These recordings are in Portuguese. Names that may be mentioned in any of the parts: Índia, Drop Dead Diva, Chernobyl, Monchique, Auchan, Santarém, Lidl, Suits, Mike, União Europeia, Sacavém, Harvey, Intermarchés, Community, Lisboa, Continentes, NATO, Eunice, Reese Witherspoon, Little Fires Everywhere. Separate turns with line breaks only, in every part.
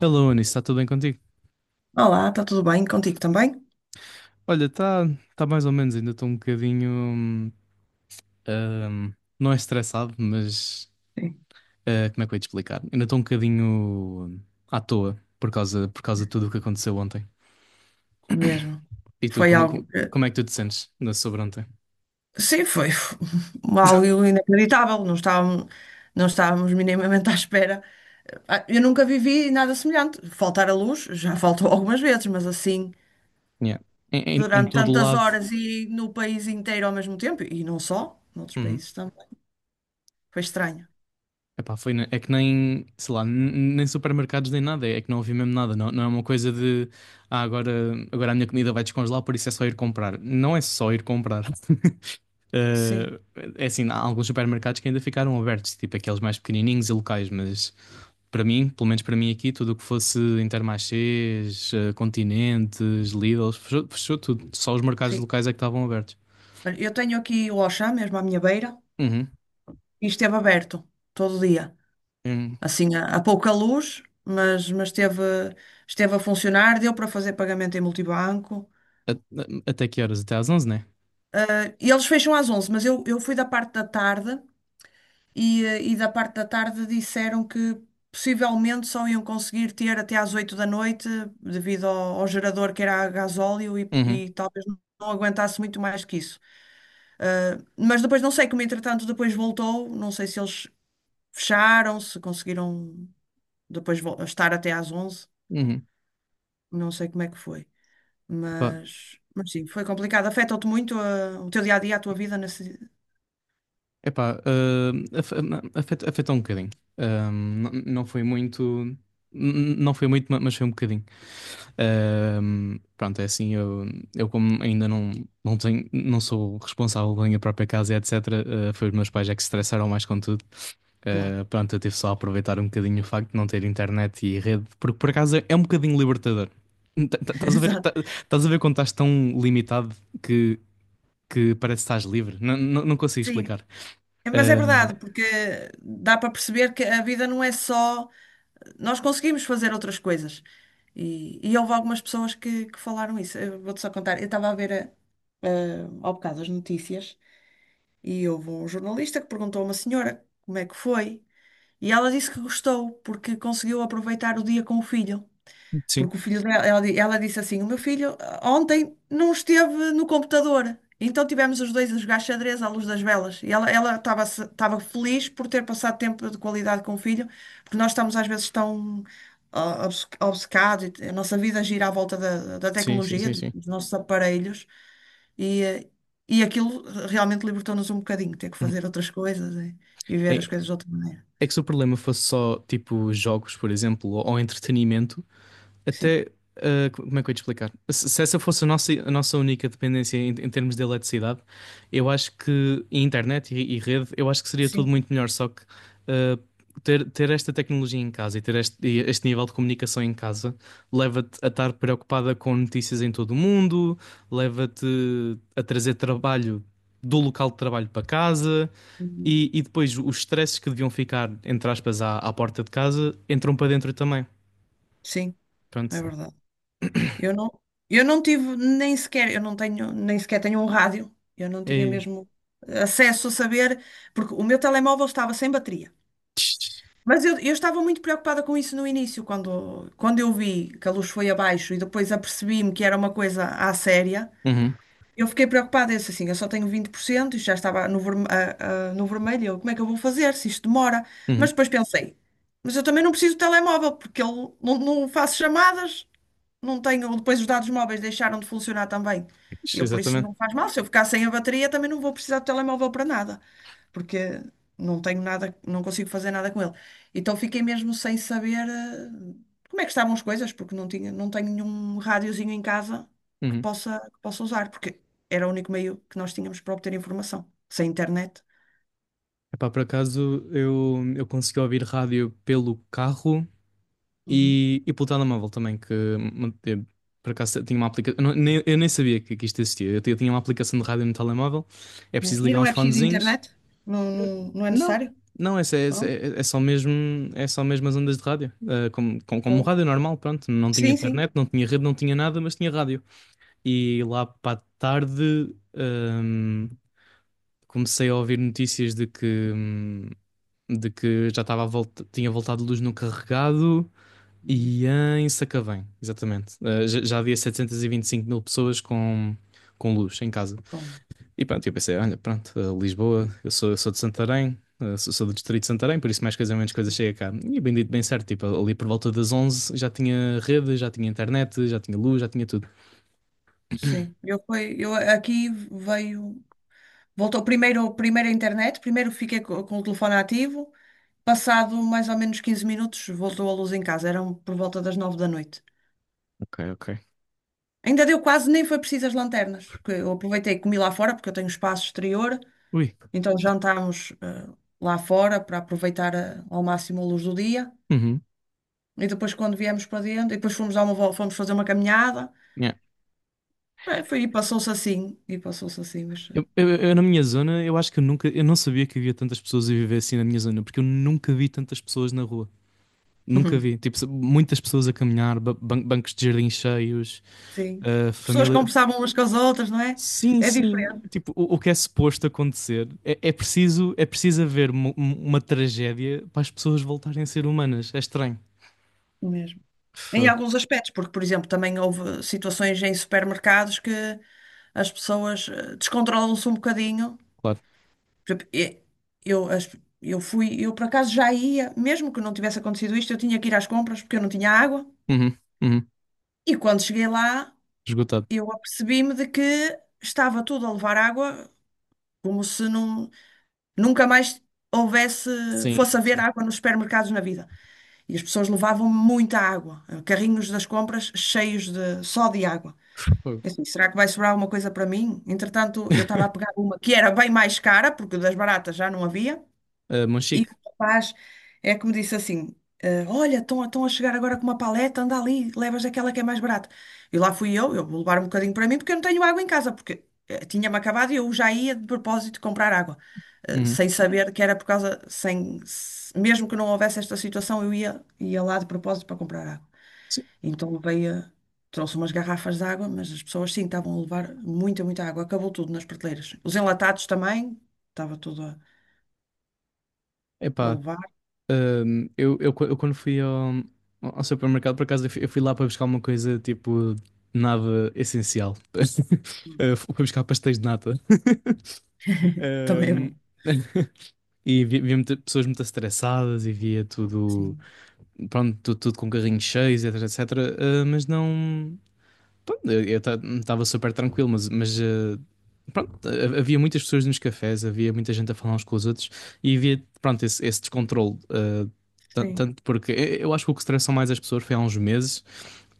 Hello, Anis, está tudo bem contigo?
Olá, está tudo bem contigo também?
Olha, está tá tá mais ou menos, ainda estou um bocadinho, hum, não é estressado, mas.
Sim,
Como é que eu ia te explicar? Ainda estou um bocadinho, à toa por causa de tudo o que aconteceu ontem.
mesmo.
E tu,
Foi
como,
algo
como
que...
como é que tu te sentes sobre ontem?
Sim, algo inacreditável. Não estávamos minimamente à espera. Eu nunca vivi nada semelhante. Faltar a luz já faltou algumas vezes, mas assim,
Yeah. Em
durante
todo o
tantas
lado.
horas e no país inteiro ao mesmo tempo, e não só, noutros
Uhum.
países também. Foi estranho.
Epá, foi, é que nem, sei lá, nem supermercados nem nada, é que não havia mesmo nada, não, não é uma coisa de, ah, agora, agora a minha comida vai descongelar, por isso é só ir comprar. Não é só ir comprar.
Sim,
Eh, É assim, há alguns supermercados que ainda ficaram abertos, tipo aqueles mais pequenininhos e locais, mas para mim, pelo menos para mim aqui, tudo o que fosse Intermarchés, Continentes, Lidl, fechou, fechou tudo. Só os mercados
sim.
locais é que estavam abertos.
Olha, eu tenho aqui o Auchan mesmo à minha beira
Uhum.
e esteve aberto todo dia.
Hum.
Assim a pouca luz, mas esteve a funcionar, deu para fazer pagamento em multibanco.
Até que horas? Até às 11, né?
E eles fecham às 11 mas eu fui da parte da tarde e da parte da tarde disseram que possivelmente só iam conseguir ter até às 8 da noite, devido ao gerador que era a gasóleo e,
Uhum.
e talvez não aguentasse muito mais que isso. Mas depois não sei como entretanto depois voltou, não sei se eles fecharam, se conseguiram depois estar até às 11,
Uhum.
não sei como é que foi.
Epá,
Mas sim, foi complicado. Afeta-te muito o teu dia a dia, a tua vida nesse.
Epá, ah, afe- afet- afetou um bocadinho. Não foi muito, mas foi um bocadinho. Pronto, é assim, eu como ainda não tenho, não sou responsável pela minha própria casa, e etc. Foi os meus pais é que se estressaram mais com tudo.
Claro,
Pronto, eu tive só a aproveitar um bocadinho o facto de não ter internet e rede, porque por acaso é um bocadinho libertador. Estás a ver?
exato.
Tás a ver quando estás tão limitado que, parece que estás livre? Não, não, não consigo
Sim,
explicar.
mas é
Eh,
verdade, porque dá para perceber que a vida não é só. Nós conseguimos fazer outras coisas. E houve algumas pessoas que falaram isso. Eu vou-te só contar. Eu estava a ver ao bocado as notícias. E houve um jornalista que perguntou a uma senhora como é que foi. E ela disse que gostou, porque conseguiu aproveitar o dia com o filho.
Sim,
Porque o filho dela, ela disse assim: O meu filho, ontem não esteve no computador. Então tivemos os dois a jogar xadrez à luz das velas. E ela estava estava feliz por ter passado tempo de qualidade com o filho, porque nós estamos às vezes tão obcecados, a nossa vida gira à volta da
sim, sim,
tecnologia,
sim, sim.
dos nossos aparelhos, e, eh, e aquilo realmente libertou-nos um bocadinho, ter que
Uhum.
fazer outras coisas e ver as
É,
coisas de outra maneira.
É que se o problema fosse só tipo jogos, por exemplo, ou entretenimento,
Sim,
até, como é que eu ia te explicar? Se essa fosse a nossa única dependência, em termos de eletricidade, eu acho que e internet, e rede, eu acho que seria tudo
sim.
muito melhor. Só que, ah, ter esta tecnologia em casa e ter este nível de comunicação em casa leva-te a estar preocupada com notícias em todo o mundo, leva-te a trazer trabalho do local de trabalho para casa.
Uhum.
E depois os stresses que deviam ficar, entre aspas, à porta de casa, entram para dentro também.
Sim, é
Pronto.
verdade. Eu não, eu não tive nem sequer, eu não tenho, nem sequer tenho um rádio. Eu não tinha
E...
mesmo acesso a saber, porque o meu telemóvel estava sem bateria. Mas eu estava muito preocupada com isso no início, quando eu vi que a luz foi abaixo e depois apercebi-me que era uma coisa à séria.
Uhum,
Eu fiquei preocupada, eu disse assim, eu só tenho 20% e já estava no vermelho. Como é que eu vou fazer se isto demora? Mas
uhum.
depois pensei, mas eu também não preciso de telemóvel, porque ele, não faço chamadas, não tenho, depois os dados móveis deixaram de funcionar também. Por isso,
Exatamente.
não faz mal. Se eu ficar sem a bateria, também não vou precisar do telemóvel para nada, porque não tenho nada, não consigo fazer nada com ele. Então fiquei mesmo sem saber como é que estavam as coisas, porque não tenho nenhum rádiozinho em casa que
Uhum.
possa, que possa usar, porque era o único meio que nós tínhamos para obter informação, sem internet.
Epá, por acaso eu, consegui ouvir rádio pelo carro
Uhum.
e pelo telemóvel também, por acaso tinha uma aplicação. Eu nem sabia que isto existia. Tinha uma aplicação de rádio no telemóvel. É
É.
preciso
E
ligar
não
uns
é preciso
fonezinhos.
internet? Não, não, não é
Não,
necessário?
não,
Não?
é só mesmo as ondas de rádio. Como
Boa.
rádio normal, pronto. Não tinha
Sim, sim.
internet, não tinha rede, não tinha nada, mas tinha rádio. E lá para a tarde, comecei a ouvir notícias de que, já estava a volta, tinha voltado luz no carregado
Uhum.
e em Sacavém, exatamente. Eh, já havia 725.000 pessoas com, luz em casa.
Bom.
E pronto, eu pensei, olha, pronto, Lisboa, eu sou, de Santarém, sou do distrito de Santarém, por isso mais coisa menos coisa chega cá. E bendito bem certo, tipo, ali por volta das 11 já tinha rede, já tinha internet, já tinha luz, já tinha tudo.
Sim, eu aqui veio, voltou primeiro a internet, primeiro fiquei com o telefone ativo, passado mais ou menos 15 minutos voltou a luz em casa, eram por volta das 9 da noite.
Ok, ok.
Ainda deu quase, nem foi preciso as lanternas, que eu aproveitei e comi lá fora, porque eu tenho espaço exterior,
Ui.
então jantámos lá fora para aproveitar ao máximo a luz do dia,
Uhum.
e depois quando viemos para dentro, e depois fomos dar uma volta, fomos fazer uma caminhada.
Yeah.
Foi, e passou-se assim, mas...
Eu, na minha zona, eu acho que eu não sabia que havia tantas pessoas a viver assim na minha zona, porque eu nunca vi tantas pessoas na rua. Nunca vi, tipo, muitas pessoas a caminhar, bancos de jardim cheios,
Sim. Pessoas
família.
conversavam umas com as outras, não é?
Sim,
É
sim.
diferente
Tipo, o que é suposto acontecer é, é preciso haver tragédia para as pessoas voltarem a ser humanas. É estranho.
mesmo. Em
Fã,
alguns aspectos, porque, por exemplo, também houve situações em supermercados que as pessoas, descontrolam-se um bocadinho.
Claro.
Por exemplo, e- Eu, as- eu fui, eu por acaso já ia, mesmo que não tivesse acontecido isto, eu tinha que ir às compras porque eu não tinha água.
Uhum, uhum.
E quando cheguei lá,
Esgotado.
eu apercebi-me de que estava tudo a levar água, como se nunca mais houvesse,
Sim,
fosse haver
sim.
água nos supermercados na vida. E as pessoas levavam muita água, carrinhos das compras cheios de só de água.
Fogo.
Eu assim, será que vai sobrar alguma coisa para mim? Entretanto, eu estava a pegar uma que era bem mais cara, porque das baratas já não havia,
Ah,
e
Monchique.
o rapaz é que me disse assim: Olha, estão a chegar agora com uma paleta, anda ali, levas aquela que é mais barata. E lá fui eu vou levar um bocadinho para mim porque eu não tenho água em casa, porque tinha-me acabado e eu já ia de propósito comprar água,
Uhum.
sem saber que era por causa. Sem, se- Mesmo que não houvesse esta situação, eu ia lá de propósito para comprar água.
Sim.
Então, trouxe umas garrafas de água, mas as pessoas sim estavam a levar muita, muita água. Acabou tudo nas prateleiras. Os enlatados também, estava tudo a
Epá,
levar.
eu quando fui ao, supermercado, por acaso, eu fui lá para buscar uma coisa tipo nada essencial. Ah, fui buscar pastéis de nata.
Também é
Ahm,
bom.
E pessoas muito estressadas e via tudo,
Sim,
pronto, tudo tudo, com carrinhos cheios, etc, etc. Ah, mas não. Pronto, eu estava super tranquilo, mas, pronto. Havia muitas pessoas nos cafés, havia muita gente a falar uns com os outros e havia, pronto, esse descontrole.
sim,
Tanto porque eu acho que o que estressou mais as pessoas foi há uns meses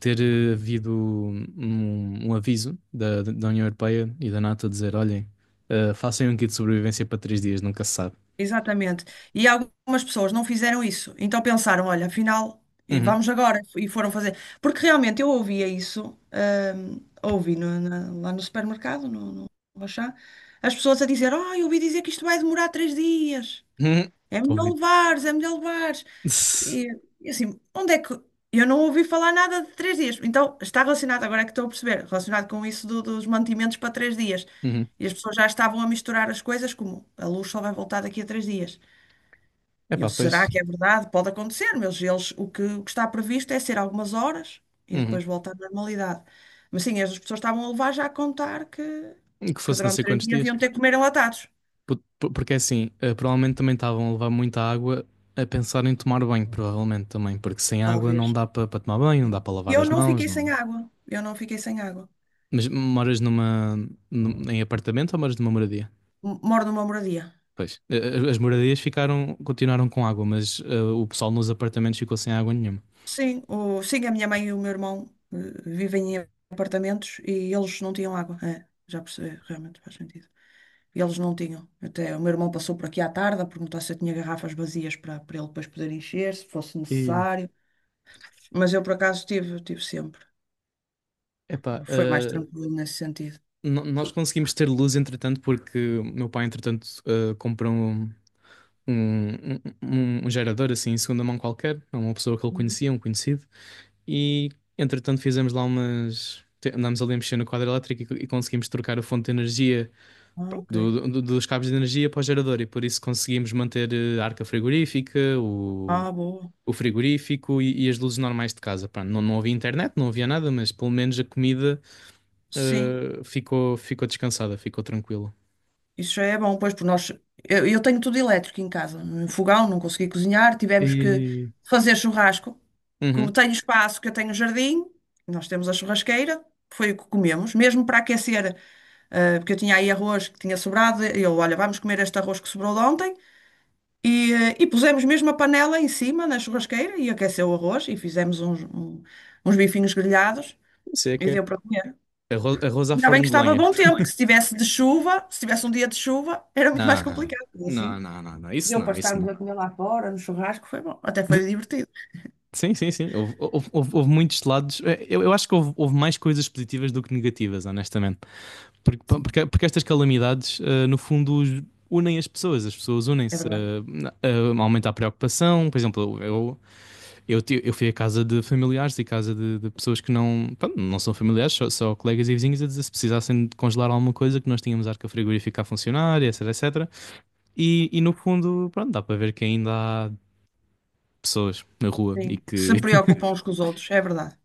ter, havido um aviso da, União Europeia e da NATO a dizer: olhem, façam um kit de sobrevivência para 3 dias, nunca se sabe.
exatamente. E algumas pessoas não fizeram isso, então pensaram, olha, afinal, e
Uhum.
vamos agora, e foram fazer. Porque realmente eu ouvia isso, ouvi lá no supermercado, no Auchan, as pessoas a dizer, eu ouvi dizer que isto vai demorar 3 dias.
Uhum.
É melhor
Covid.
levares, é melhor levares.
Tss.
E, e assim, onde é que. Eu não ouvi falar nada de 3 dias. Então, está relacionado, agora é que estou a perceber, relacionado com isso dos mantimentos para 3 dias.
Uhum.
E as pessoas já estavam a misturar as coisas, como a luz só vai voltar daqui a 3 dias. E eu,
Epá, pois.
será que é verdade? Pode acontecer, mas eles, o que está previsto é ser algumas horas e
Uhum.
depois voltar à normalidade. Mas sim, as pessoas estavam a levar já a contar que,
Que
que
fosse não
durante
sei
três
quantos
dias
dias.
iam ter que comer enlatados.
Porque é assim, provavelmente também estavam a levar muita água a pensar em tomar banho, provavelmente também. Porque sem água não
Talvez.
dá para tomar banho, não dá
Sim.
para
E
lavar
eu
as
não
mãos,
fiquei sem
não.
água. Eu não fiquei sem água.
Mas moras em apartamento ou moras numa moradia?
Moro numa moradia.
Pois. As moradias ficaram, continuaram com água, mas, o pessoal nos apartamentos ficou sem água nenhuma.
Sim, sim, a minha mãe e o meu irmão eh, vivem em apartamentos e eles não tinham água. É, já percebi, realmente faz sentido. E eles não tinham. Até o meu irmão passou por aqui à tarde a perguntar se eu tinha garrafas vazias para ele depois poder encher, se fosse
E,
necessário. Mas eu, por acaso, tive sempre.
epá,
Foi mais
eh,
tranquilo nesse sentido.
no- Nós conseguimos ter luz, entretanto, porque o meu pai, entretanto, comprou um, um, um gerador assim em segunda mão qualquer, a uma pessoa que ele
Uhum.
conhecia, um conhecido, e entretanto fizemos lá umas. Te- andámos ali a mexer no quadro elétrico e conseguimos trocar a fonte de energia
Ah, ok.
dos cabos de energia para o gerador, e por isso conseguimos manter, a arca frigorífica,
Ah, boa.
o frigorífico e, as luzes normais de casa. Pá, não, não havia internet, não havia nada, mas pelo menos a comida,
Sim.
ficou descansada, ficou tranquila.
Isso já é bom, pois, porque nós. Eu tenho tudo elétrico em casa. Um fogão, não consegui cozinhar, tivemos que
E.
fazer churrasco. Como
Uhum,
tenho espaço, que eu tenho jardim, nós temos a churrasqueira, foi o que comemos. Mesmo para aquecer, porque eu tinha aí arroz que tinha sobrado, olha, vamos comer este arroz que sobrou de ontem. E pusemos mesmo a panela em cima na churrasqueira e aqueceu o arroz e fizemos uns bifinhos grelhados
não sei o
e
que é.
deu para comer.
Arroz, arroz à
Ainda bem
forno
que
de
estava
lenha.
bom tempo, que se tivesse de chuva, se tivesse um dia de chuva, era muito
Não,
mais complicado,
não,
assim.
não, não, não,
E
isso
eu para
não, isso
estarmos
não.
a comer lá fora, no churrasco, foi bom. Até foi
De-
divertido.
Sim, sim, sim. Houve muitos lados. Eu, acho que houve mais coisas positivas do que negativas, honestamente.
Sim,
Porque estas calamidades, no fundo, unem as pessoas. As pessoas
é
unem-se.
verdade.
Aumenta a preocupação. Por exemplo, eu fui à casa de familiares e casa de, pessoas que não, pronto, não são familiares, só, colegas e vizinhos, a dizer se precisassem de congelar alguma coisa que nós tínhamos arca frigorífica a funcionar, etc, etc. E no fundo, pronto, dá para ver que ainda há pessoas na rua
Sim.
e
Que
que.
se preocupam uns com os outros, é verdade.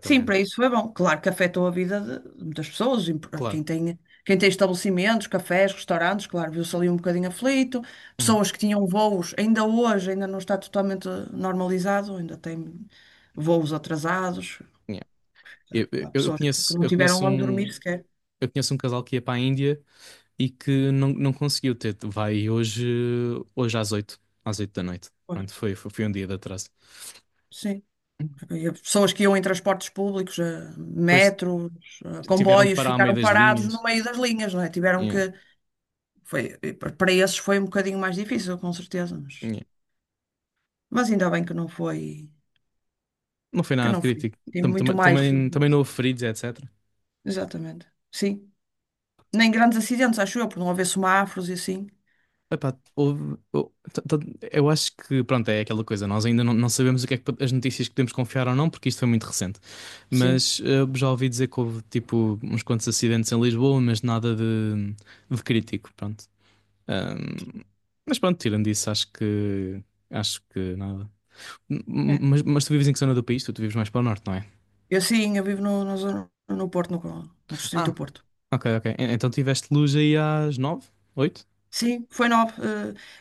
Sim, para isso foi bom. Claro que afetou a vida de muitas pessoas. E... Quem
claro.
tem, quem tem estabelecimentos, cafés, restaurantes, claro, viu-se ali um bocadinho aflito.
Uhum.
Pessoas que tinham voos, ainda hoje, ainda não está totalmente normalizado, ainda tem voos atrasados.
Yeah. Eu, eu-
Há
eu
pessoas que
conheço,
não
eu
tiveram
conheço
onde dormir
um,
sequer.
eu conheço um casal que ia para a Índia e que não, não conseguiu ter. Vai hoje, às 8 da noite.
Pois,
Pronto, foi um dia de atraso.
sim. E pessoas que iam em transportes públicos,
Depois
metros,
tiveram de
comboios,
parar ao meio
ficaram
das
parados no
linhas.
meio das linhas, não é? Tiveram
Yeah,
que. Foi, para esses foi um bocadinho mais difícil, com certeza, mas,
yeah.
mas ainda bem que não foi.
Não foi
Que
nada de
não foi.
crítico.
Tem muito mais.
Também não houve feridos, etc.
Exatamente. Sim. Nem grandes acidentes, acho eu, por não haver semáforos e assim.
Epá, eu acho que, pronto, é aquela coisa, nós ainda não, não sabemos o que é que, as notícias que podemos confiar ou não, porque isto foi muito recente.
Sim.
Mas, já ouvi dizer que houve tipo uns quantos acidentes em Lisboa, mas nada de, crítico, pronto. Ahm, mas pronto, tirando isso, acho que nada.
É.
Mas, tu vives em que zona do país? Tu vives mais para o norte, não é?
Eu sim, eu vivo no Porto, no Distrito
Ah,
do Porto.
ok, ok. E- Então tiveste luz aí às 9? 8?
Sim, foi 9.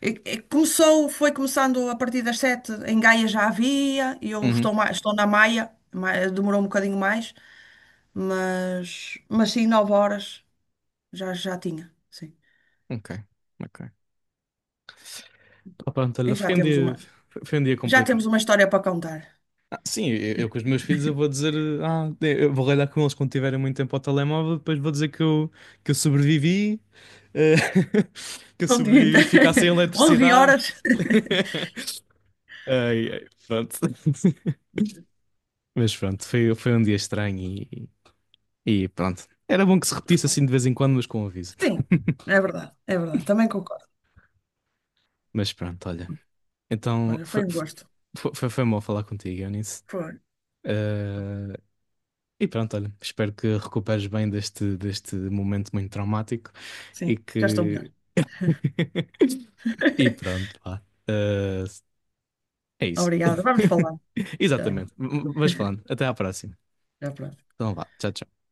E começou, foi começando a partir das 7. Em Gaia já havia, e eu
Uhum.
estou na Maia, demorou um bocadinho mais, mas sim, 9 horas já tinha. Sim.
Ok, ok. Ah, pronto,
E
olha,
já temos uma,
foi um dia
já
complicado.
temos uma história para contar.
Sim, eu, com os meus filhos eu vou dizer, eu vou ralhar com eles quando tiverem muito tempo ao telemóvel, depois vou dizer que eu, que eu sobrevivi, eh, que eu
Um dia
sobrevivi a ficar sem
inteiro. Onze
eletricidade.
horas.
Ai, ai, pronto. Mas pronto, foi um dia estranho e pronto. Era bom que se repetisse
Foi.
assim de vez em quando, mas com aviso.
Sim, é verdade, é verdade. Também concordo.
Mas pronto, olha. Então
Olha, foi um gosto.
foi bom falar contigo, Eunice.
Foi.
Eh, E pronto, olha, espero que recuperes bem deste, momento muito traumático e
Sim, já estou melhor.
que. E pronto, pá. Eh, É isso.
Obrigada. Vamos falar. Já,
Exatamente. Mas falando, até à próxima.
já pronto.
Então vá, tchau, tchau.